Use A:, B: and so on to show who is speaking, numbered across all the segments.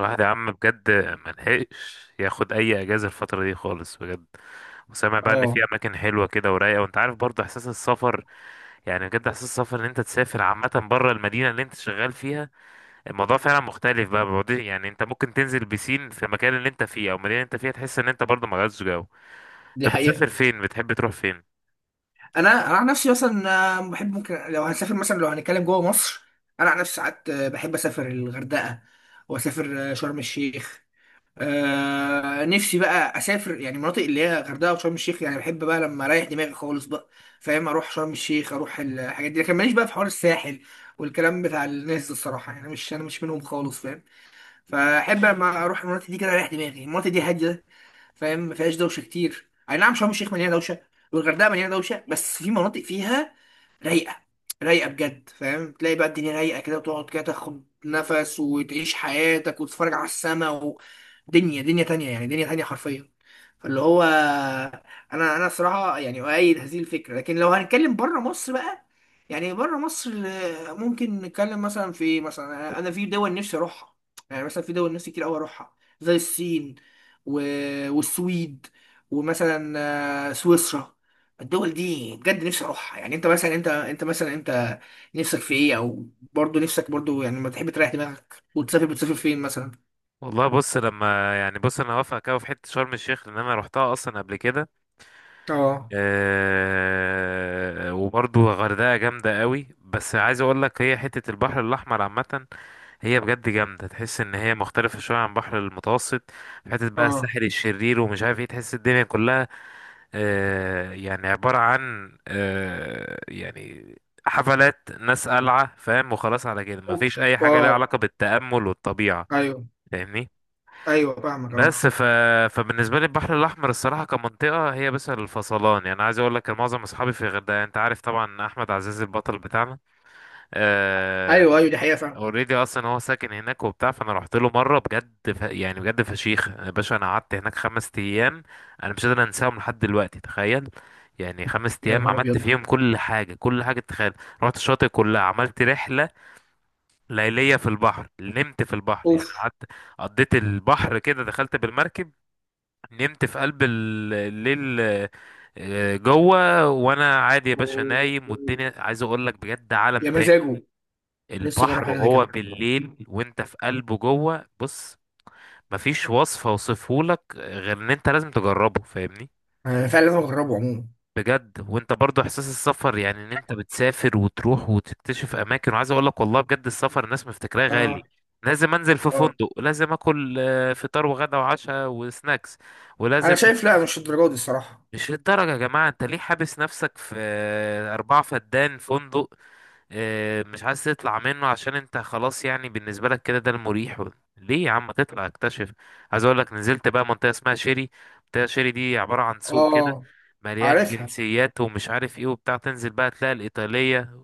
A: الواحد يا عم بجد، ملحقش ياخد اي اجازه الفتره دي خالص بجد. وسامع بقى ان في
B: اه.
A: اماكن حلوه كده ورايقه، وانت عارف برضه احساس السفر. يعني بجد احساس السفر ان انت تسافر عامه بره المدينه اللي انت شغال فيها، الموضوع فعلا مختلف بقى. يعني انت ممكن تنزل بسين في المكان اللي انت فيه او المدينه اللي انت فيها، تحس ان انت برضه ما غيرتش جو. انت
B: دي
A: بتسافر
B: حقيقة.
A: فين؟ بتحب تروح فين؟
B: انا عن نفسي مثلا، بحب ممكن لو هنسافر مثلا لو هنتكلم جوه مصر. انا عن نفسي ساعات، بحب اسافر الغردقة. واسافر شرم الشيخ. نفسي بقى اسافر يعني مناطق اللي هي غردقة وشرم الشيخ، يعني بحب بقى لما اريح دماغي خالص بقى. فاهم؟ اروح شرم الشيخ، اروح الحاجات دي، لكن ماليش بقى في حوار الساحل والكلام بتاع الناس ده. الصراحة يعني، مش انا مش منهم خالص، فاهم؟ فاحب لما اروح المناطق دي كده اريح دماغي. المناطق دي هادية، فاهم؟ ما فيهاش دوشه كتير. اي نعم، شرم الشيخ مليانه دوشه والغردقه مليانه دوشه، بس في مناطق فيها رايقه. رايقه بجد، فاهم؟ تلاقي بقى الدنيا رايقه كده، وتقعد كده تاخد نفس وتعيش حياتك وتتفرج على السما. ودنيا، دنيا تانية، يعني دنيا تانية حرفيا. فاللي هو، انا صراحه يعني اؤيد هذه الفكره، لكن لو هنتكلم بره مصر بقى. يعني بره مصر، ممكن نتكلم مثلا في، مثلا انا في دول نفسي اروحها. يعني مثلا في دول نفسي كتير قوي اروحها، زي الصين و... والسويد، ومثلا سويسرا. الدول دي بجد نفسي اروحها. يعني انت مثلا، انت مثلا، انت نفسك في ايه، او برضه نفسك برضه، يعني لما تحب تريح دماغك وتسافر بتسافر فين مثلا؟
A: والله بص، لما يعني بص انا هوافقك أوي في حته شرم الشيخ لان انا روحتها اصلا قبل كده.
B: اه.
A: آه، وبرضو الغردقة جامدة قوي، بس عايز اقول لك هي حتة البحر الاحمر عامة، هي بجد جامدة. تحس ان هي مختلفة شوية عن البحر المتوسط. في حتة بقى
B: اه.
A: الساحل الشرير ومش عارف ايه، تحس الدنيا كلها يعني عبارة عن يعني حفلات ناس قلعة فاهم، وخلاص على كده مفيش
B: أوف.
A: اي حاجة ليها
B: اه.
A: علاقة بالتأمل والطبيعة.
B: ايوه،
A: فاهمني؟
B: ايوه، فاهمك. اه.
A: بس ف... فبالنسبه لي البحر الاحمر الصراحه كمنطقه هي بس الفصلان. يعني عايز اقول لك إن معظم اصحابي في الغردقه، يعني انت عارف طبعا احمد عزيز البطل بتاعنا
B: ايوه، ايوه، دي حقيقه فعلا.
A: اوريدي، اصلا هو ساكن هناك وبتاع، فانا رحت له مره بجد. يعني بجد فشيخ يا باشا، انا قعدت هناك 5 ايام. انا مش قادر انساهم لحد دلوقتي، تخيل. يعني خمس
B: يا
A: ايام
B: نهار
A: عملت
B: ابيض.
A: فيهم كل حاجه، كل حاجه تتخيل. رحت الشاطئ كلها، عملت رحله ليليه في البحر، نمت في البحر، يعني
B: اوف.
A: قعدت قضيت البحر كده، دخلت بالمركب نمت في قلب الليل. جوه وانا عادي يا باشا نايم، والدنيا عايز اقول لك بجد عالم
B: يا
A: تاني.
B: مزاجه. نفسي
A: البحر
B: اجرب حاجه زي
A: وهو
B: كده.
A: بالليل وانت في قلبه جوه، بص، مفيش وصف اوصفهولك غير ان انت لازم تجربه. فاهمني؟
B: فعلا لازم اجربه عموما.
A: بجد. وانت برضو احساس السفر يعني ان انت بتسافر وتروح وتكتشف اماكن. وعايز اقول لك والله بجد، السفر الناس مفتكراه غالي،
B: اه.
A: لازم انزل في
B: اه.
A: فندق، لازم اكل فطار وغدا وعشاء وسناكس، ولازم
B: انا شايف لا،
A: مش
B: مش الدرجه دي الصراحه.
A: مش للدرجة. يا جماعة انت ليه حابس نفسك في 4 فدان فندق؟ مش عايز تطلع منه عشان انت خلاص، يعني بالنسبة لك كده ده المريح ليه يا عم ما تطلع اكتشف؟ عايز اقول لك نزلت بقى منطقة اسمها شيري. منطقة شيري دي عبارة عن سوق كده
B: اه.
A: مليان
B: عارفها.
A: جنسيات ومش عارف ايه وبتاع، تنزل بقى تلاقي الإيطالية،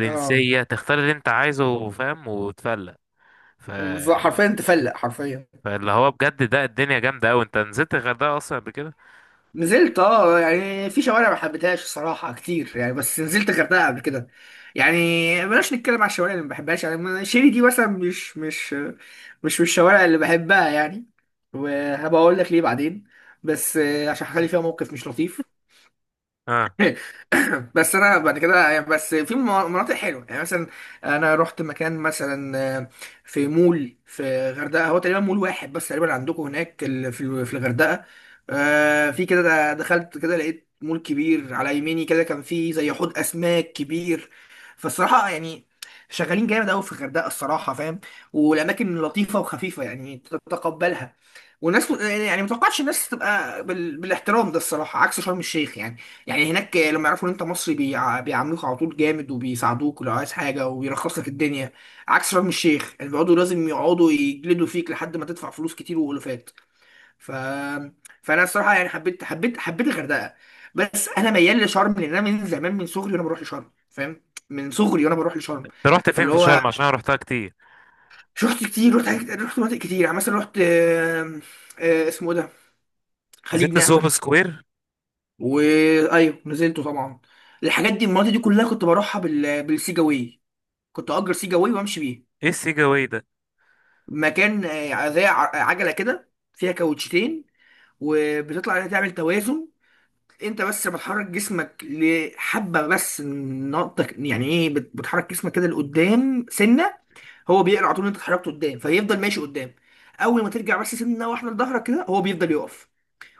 B: اه.
A: تختار اللي انت عايزه فاهم وتفلق. ف...
B: بالظبط، حرفيا تفلق، حرفيا.
A: فاللي هو بجد ده الدنيا جامدة أوي. انت نزلت الغردقة أصلا قبل كده؟
B: نزلت، يعني في شوارع ما حبيتهاش الصراحه كتير يعني، بس نزلت الغردقه قبل كده يعني. بلاش نتكلم على الشوارع اللي ما بحبهاش يعني. شيري دي مثلا مش من الشوارع اللي بحبها يعني. وهبقى اقول لك ليه بعدين، بس عشان حصل لي فيها موقف مش لطيف.
A: اه.
B: جامد، بس انا بعد كده يعني، بس في مناطق حلوه يعني، مثلا. انا رحت مكان مثلا، في مول في غردقه. هو تقريبا مول واحد بس تقريبا عندكم هناك، في الغردقه. في كده، دخلت كده لقيت مول كبير على يميني كده، كان فيه زي حوض اسماك كبير. فالصراحه يعني شغالين جامد قوي في الغردقه الصراحه، فاهم؟ والاماكن لطيفه وخفيفه، يعني تتقبلها. وناس يعني ما اتوقعش الناس تبقى بالاحترام ده الصراحه، عكس شرم الشيخ يعني. يعني هناك لما يعرفوا ان انت مصري بيعاملوك على طول جامد، وبيساعدوك لو عايز حاجه، وبيرخص لك الدنيا. عكس شرم الشيخ، يعني لازم يقعدوا يجلدوا فيك لحد ما تدفع فلوس كتير والوفات. ف فانا الصراحه يعني حبيت الغردقه. بس انا ميال لشرم، لان انا من زمان من صغري وانا بروح لشرم، فاهم؟ من صغري وانا بروح لشرم.
A: انت رحت فين
B: فاللي
A: في
B: هو،
A: شرم؟ عشان انا رحتها كتير.
B: رحت كتير، رحت رحت مناطق كتير، يعني مثلا رحت، اسمه إيه ده؟ خليج
A: نزلت سوهو
B: نعمة.
A: سكوير؟
B: وايوه نزلته طبعا. الحاجات دي، المناطق دي كلها، كنت بروحها بالسيجاوي. كنت اجر سيجاوي وامشي بيه.
A: ايه السيجا واي ده؟
B: مكان، زي عجله كده فيها كاوتشتين، وبتطلع عليها تعمل توازن. انت بس بتحرك جسمك لحبه، بس نقطه، يعني ايه؟ بتحرك جسمك كده لقدام سنه. هو بيقرا على طول إن انت اتحركت قدام، فيفضل ماشي قدام. اول ما ترجع بس سنه واحده لظهرك كده، هو بيفضل يقف.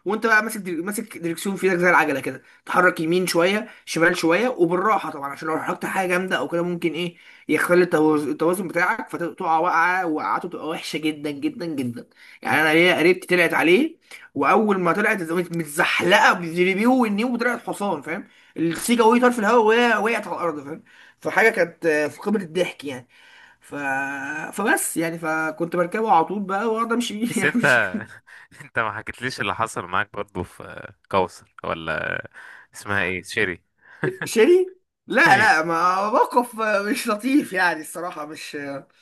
B: وانت بقى ماسك، ماسك دريكسيون في ايدك زي العجله كده، تحرك يمين شويه شمال شويه وبالراحه طبعا، عشان لو حركت حاجه جامده او كده ممكن ايه، يختل التوازن، التوازن بتاعك، فتقع وقعه، وقعته تبقى وحشه جدا جدا جدا. يعني انا ليا قريبتي طلعت عليه، واول ما طلعت قامت متزحلقه بالجليبيه والنيو وطلعت حصان، فاهم؟ السيجا وهي طار في الهواء، وهي وقعت على الارض، فاهم؟ فحاجه كانت في قمه الضحك يعني. ف... فبس يعني، فكنت بركبه على طول بقى واقعد امشي بيه
A: بس
B: يعني.
A: انت انت ما حكيتليش اللي حصل معاك برضو في كوثر، ولا اسمها ايه، شيري؟
B: شيري. لا
A: ايه؟
B: لا، ما موقف مش لطيف يعني، الصراحة مش. يعني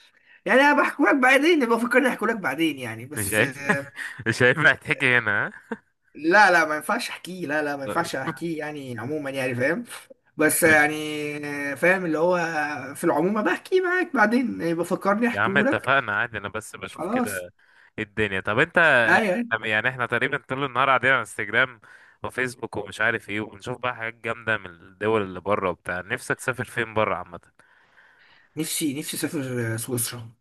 B: أنا بحكي لك بعدين، يبقى فكرني أحكي لك بعدين يعني،
A: مش
B: بس.
A: عارف. مش عارف هتحكي هنا، ها؟
B: لا لا ما ينفعش أحكيه، لا لا ما ينفعش
A: طيب.
B: أحكيه يعني، عموما يعني، فاهم؟ بس
A: ماشي.
B: يعني. فاهم، اللي هو في العموم بحكي معاك بعدين يبقى فكرني
A: يا عم
B: أحكيه لك.
A: اتفقنا، عادي انا بس بشوف
B: خلاص.
A: كده ايه الدنيا. طب انت،
B: أيوه.
A: يعني احنا تقريبا طول النهار قاعدين على انستجرام وفيسبوك ومش عارف ايه، وبنشوف بقى حاجات جامدة من الدول اللي بره وبتاع. نفسك تسافر فين بره عامة؟
B: نفسي أسافر سويسرا.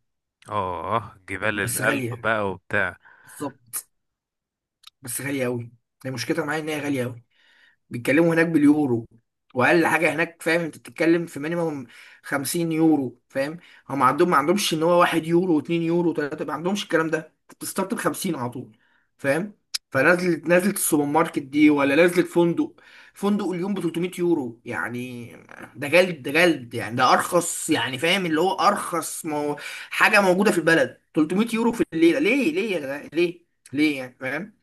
A: اه، جبال
B: بس
A: الألب
B: غالية.
A: بقى وبتاع.
B: بالظبط. بس غالية أوي. هي مشكلتها معايا إن هي غالية أوي. بيتكلموا هناك باليورو. واقل حاجه هناك، فاهم؟ انت بتتكلم في مينيمم 50 يورو، فاهم؟ هم عندهم ما عندهمش ان هو 1 يورو و2 يورو و3، ما عندهمش الكلام ده، انت بتستارت ب 50 على طول، فاهم؟ نزلت السوبر ماركت دي ولا نزلت فندق؟ فندق اليوم ب 300 يورو يعني. ده جلد، ده جلد يعني، ده ارخص يعني، فاهم؟ اللي هو ارخص، مو حاجه موجوده في البلد، 300 يورو في الليله. ليه؟ ليه يا جدع؟ ليه؟ ليه يعني؟ فاهم؟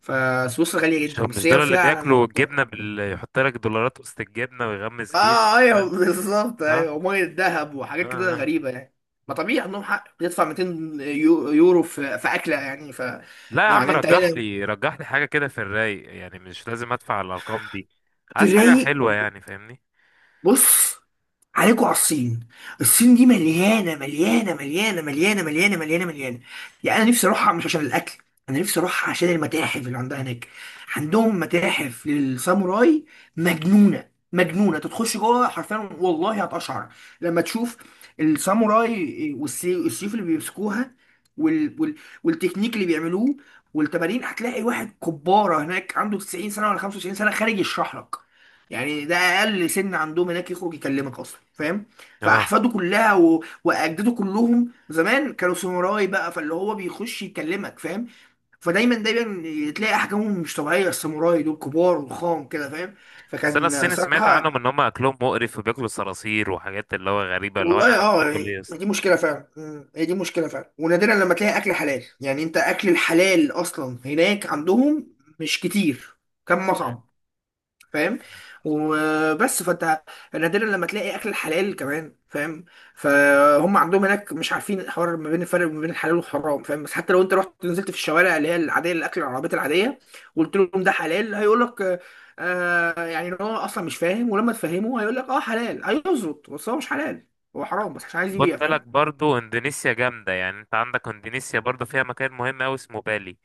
B: فسويسرا غاليه
A: مش
B: جدا،
A: مش
B: بس
A: دول
B: هي
A: اللي بياكلوا
B: فعلا.
A: الجبنه يحط لك دولارات وسط الجبنه ويغمس بيها؟
B: اه. ايوه
A: لا،
B: بالظبط. ايوه،
A: لا.
B: وميه دهب
A: آه.
B: وحاجات كده
A: آه.
B: غريبه يعني. ما طبيعي، عندهم حق، بتدفع 200 يورو في اكله يعني.
A: لا يا عم،
B: يعني انت
A: رجح
B: هنا
A: لي رجح لي حاجه كده في الرايق، يعني مش لازم ادفع الارقام دي.
B: في
A: عايز حاجه
B: الرايق.
A: حلوه يعني، فاهمني؟
B: بص، عليكوا على الصين. الصين دي مليانه، مليانه، مليانه، مليانه، مليانه، مليانه، مليانه. يعني انا نفسي اروحها مش عشان الاكل، انا نفسي اروحها عشان المتاحف اللي عندها هناك. عندهم متاحف للساموراي مجنونه، مجنونه. تخش جوه حرفيا والله هتقشعر لما تشوف الساموراي، والسيوف اللي بيمسكوها، وال... وال... والتكنيك اللي بيعملوه والتمارين. هتلاقي واحد كباره هناك عنده 90 سنه ولا 95 سنه، خارج يشرح لك. يعني ده اقل سن عندهم هناك يخرج يكلمك اصلا، فاهم؟
A: اه.
B: فاحفاده كلها واجداده كلهم زمان كانوا ساموراي بقى، فاللي هو بيخش يكلمك، فاهم؟ فدايما دايما تلاقي احجامهم مش طبيعيه، الساموراي دول كبار وخام كده، فاهم؟
A: بس انا
B: فكان
A: الصيني سمعت
B: صراحه.
A: عنهم ان هم اكلهم مقرف وبياكلوا صراصير وحاجات اللي هو غريبه، اللي هو انا
B: والله
A: عايز
B: اه
A: اكل ايه
B: يعني،
A: يا اسطى؟
B: دي مشكله فعلا، هي دي مشكله فعلا. ونادرا لما تلاقي اكل حلال، يعني انت، اكل الحلال اصلا هناك عندهم مش كتير، كم
A: مم.
B: مطعم، فاهم؟ وبس. فانت نادرا لما تلاقي اكل الحلال كمان، فاهم؟ فهم عندهم هناك مش عارفين الحوار، ما بين الفرق ما بين الحلال والحرام، فاهم؟ بس حتى لو انت رحت نزلت في الشوارع اللي هي العاديه، الاكل، العربيات العاديه، وقلت لهم ده حلال، هيقول لك آه. يعني ان هو اصلا مش فاهم، ولما تفهمه هيقول لك اه حلال هيظبط، بس هو مش حلال، هو حرام بس عشان عايز
A: خد
B: يبيع،
A: بالك
B: فاهم؟
A: برضو اندونيسيا جامدة. يعني انت عندك اندونيسيا برضو فيها مكان مهم اوي اسمه بالي.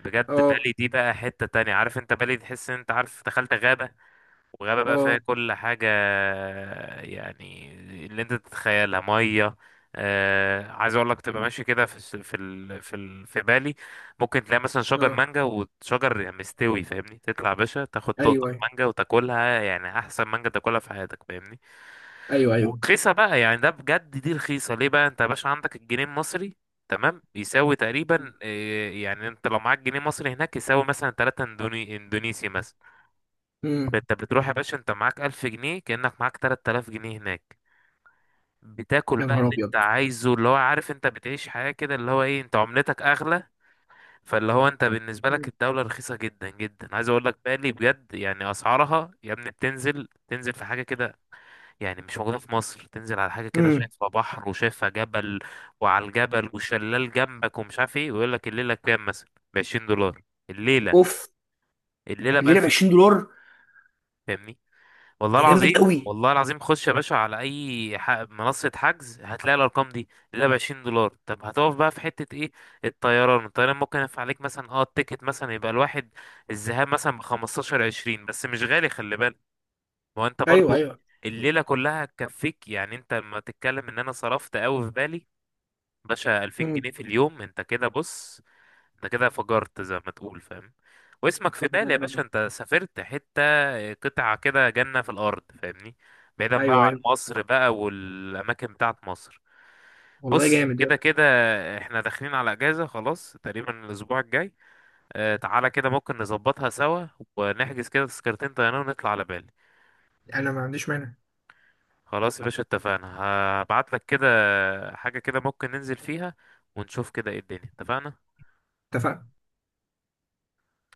A: بجد
B: اه.
A: بالي دي بقى حتة تانية. عارف انت بالي تحس ان انت عارف دخلت غابة، وغابة بقى
B: اه.
A: فيها كل حاجة، يعني اللي انت تتخيلها مية. آه، عايز اقول لك تبقى ماشي كده في الس- في ال في ال في بالي، ممكن تلاقي مثلا شجر
B: اه.
A: مانجا وشجر يعني مستوي، فاهمني؟ تطلع يا باشا تاخد تقطة
B: ايوه. ايوه.
A: مانجا وتاكلها، يعني احسن مانجا تاكلها في حياتك، فاهمني؟
B: ايوه. ايوه.
A: ورخيصة بقى، يعني ده بجد دي رخيصة. ليه بقى؟ انت يا باشا عندك الجنيه المصري تمام، يساوي تقريبا يعني انت لو معاك جنيه مصري هناك يساوي مثلا 3 اندونيسي مثلا.
B: امم.
A: انت بتروح يا باشا انت معاك 1000 جنيه، كأنك معاك 3000 جنيه هناك. بتاكل
B: يا
A: بقى
B: نهار
A: اللي انت
B: ابيض.
A: عايزه، اللي هو عارف انت بتعيش حياة كده، اللي هو ايه، انت عملتك اغلى. فاللي هو انت بالنسبة لك الدولة رخيصة جدا جدا. عايز اقول لك بالي بجد، يعني اسعارها يا ابني بتنزل، تنزل في حاجة كده يعني مش موجودة في مصر. تنزل على حاجة كده
B: امم.
A: شايفها بحر وشايفها جبل، وعلى الجبل وشلال جنبك ومش عارف ايه، ويقول لك الليلة بكام؟ مثلا ب 20 دولار الليلة.
B: اوف.
A: الليلة ب
B: الليله ب
A: 1000 جنيه،
B: 20 دولار.
A: فاهمني؟ والله
B: ده جامد
A: العظيم،
B: قوي.
A: والله العظيم. خش يا باشا على اي منصة حجز هتلاقي الارقام دي اللي ب 20 دولار. طب هتقف بقى في حتة ايه؟ الطيران، الطيران ممكن ينفع عليك مثلا. اه التيكت مثلا يبقى الواحد الذهاب مثلا ب 15 20، بس مش غالي خلي بالك. ما هو انت
B: ايوه،
A: برضو
B: ايوه.
A: الليلة كلها هتكفيك. يعني انت لما تتكلم ان انا صرفت قوي في بالي، باشا 2000
B: مم.
A: جنيه في اليوم، انت كده بص، انت كده فجرت زي ما تقول، فاهم؟ واسمك في بالي يا باشا، انت سافرت حتة قطعة كده جنة في الأرض، فاهمني؟ بعيدا بقى
B: ايوه،
A: عن
B: ايوه.
A: مصر بقى والأماكن بتاعت مصر.
B: والله
A: بص،
B: جامد. يلا،
A: كده كده احنا داخلين على اجازة خلاص تقريبا الأسبوع الجاي. اه، تعالى كده ممكن نظبطها سوا، ونحجز كده تذكرتين طيران ونطلع على بالي.
B: انا ما عنديش مانع.
A: خلاص يا باشا اتفقنا. هبعت لك كده حاجة كده ممكن ننزل فيها، ونشوف كده ايه الدنيا. اتفقنا
B: اتفقنا.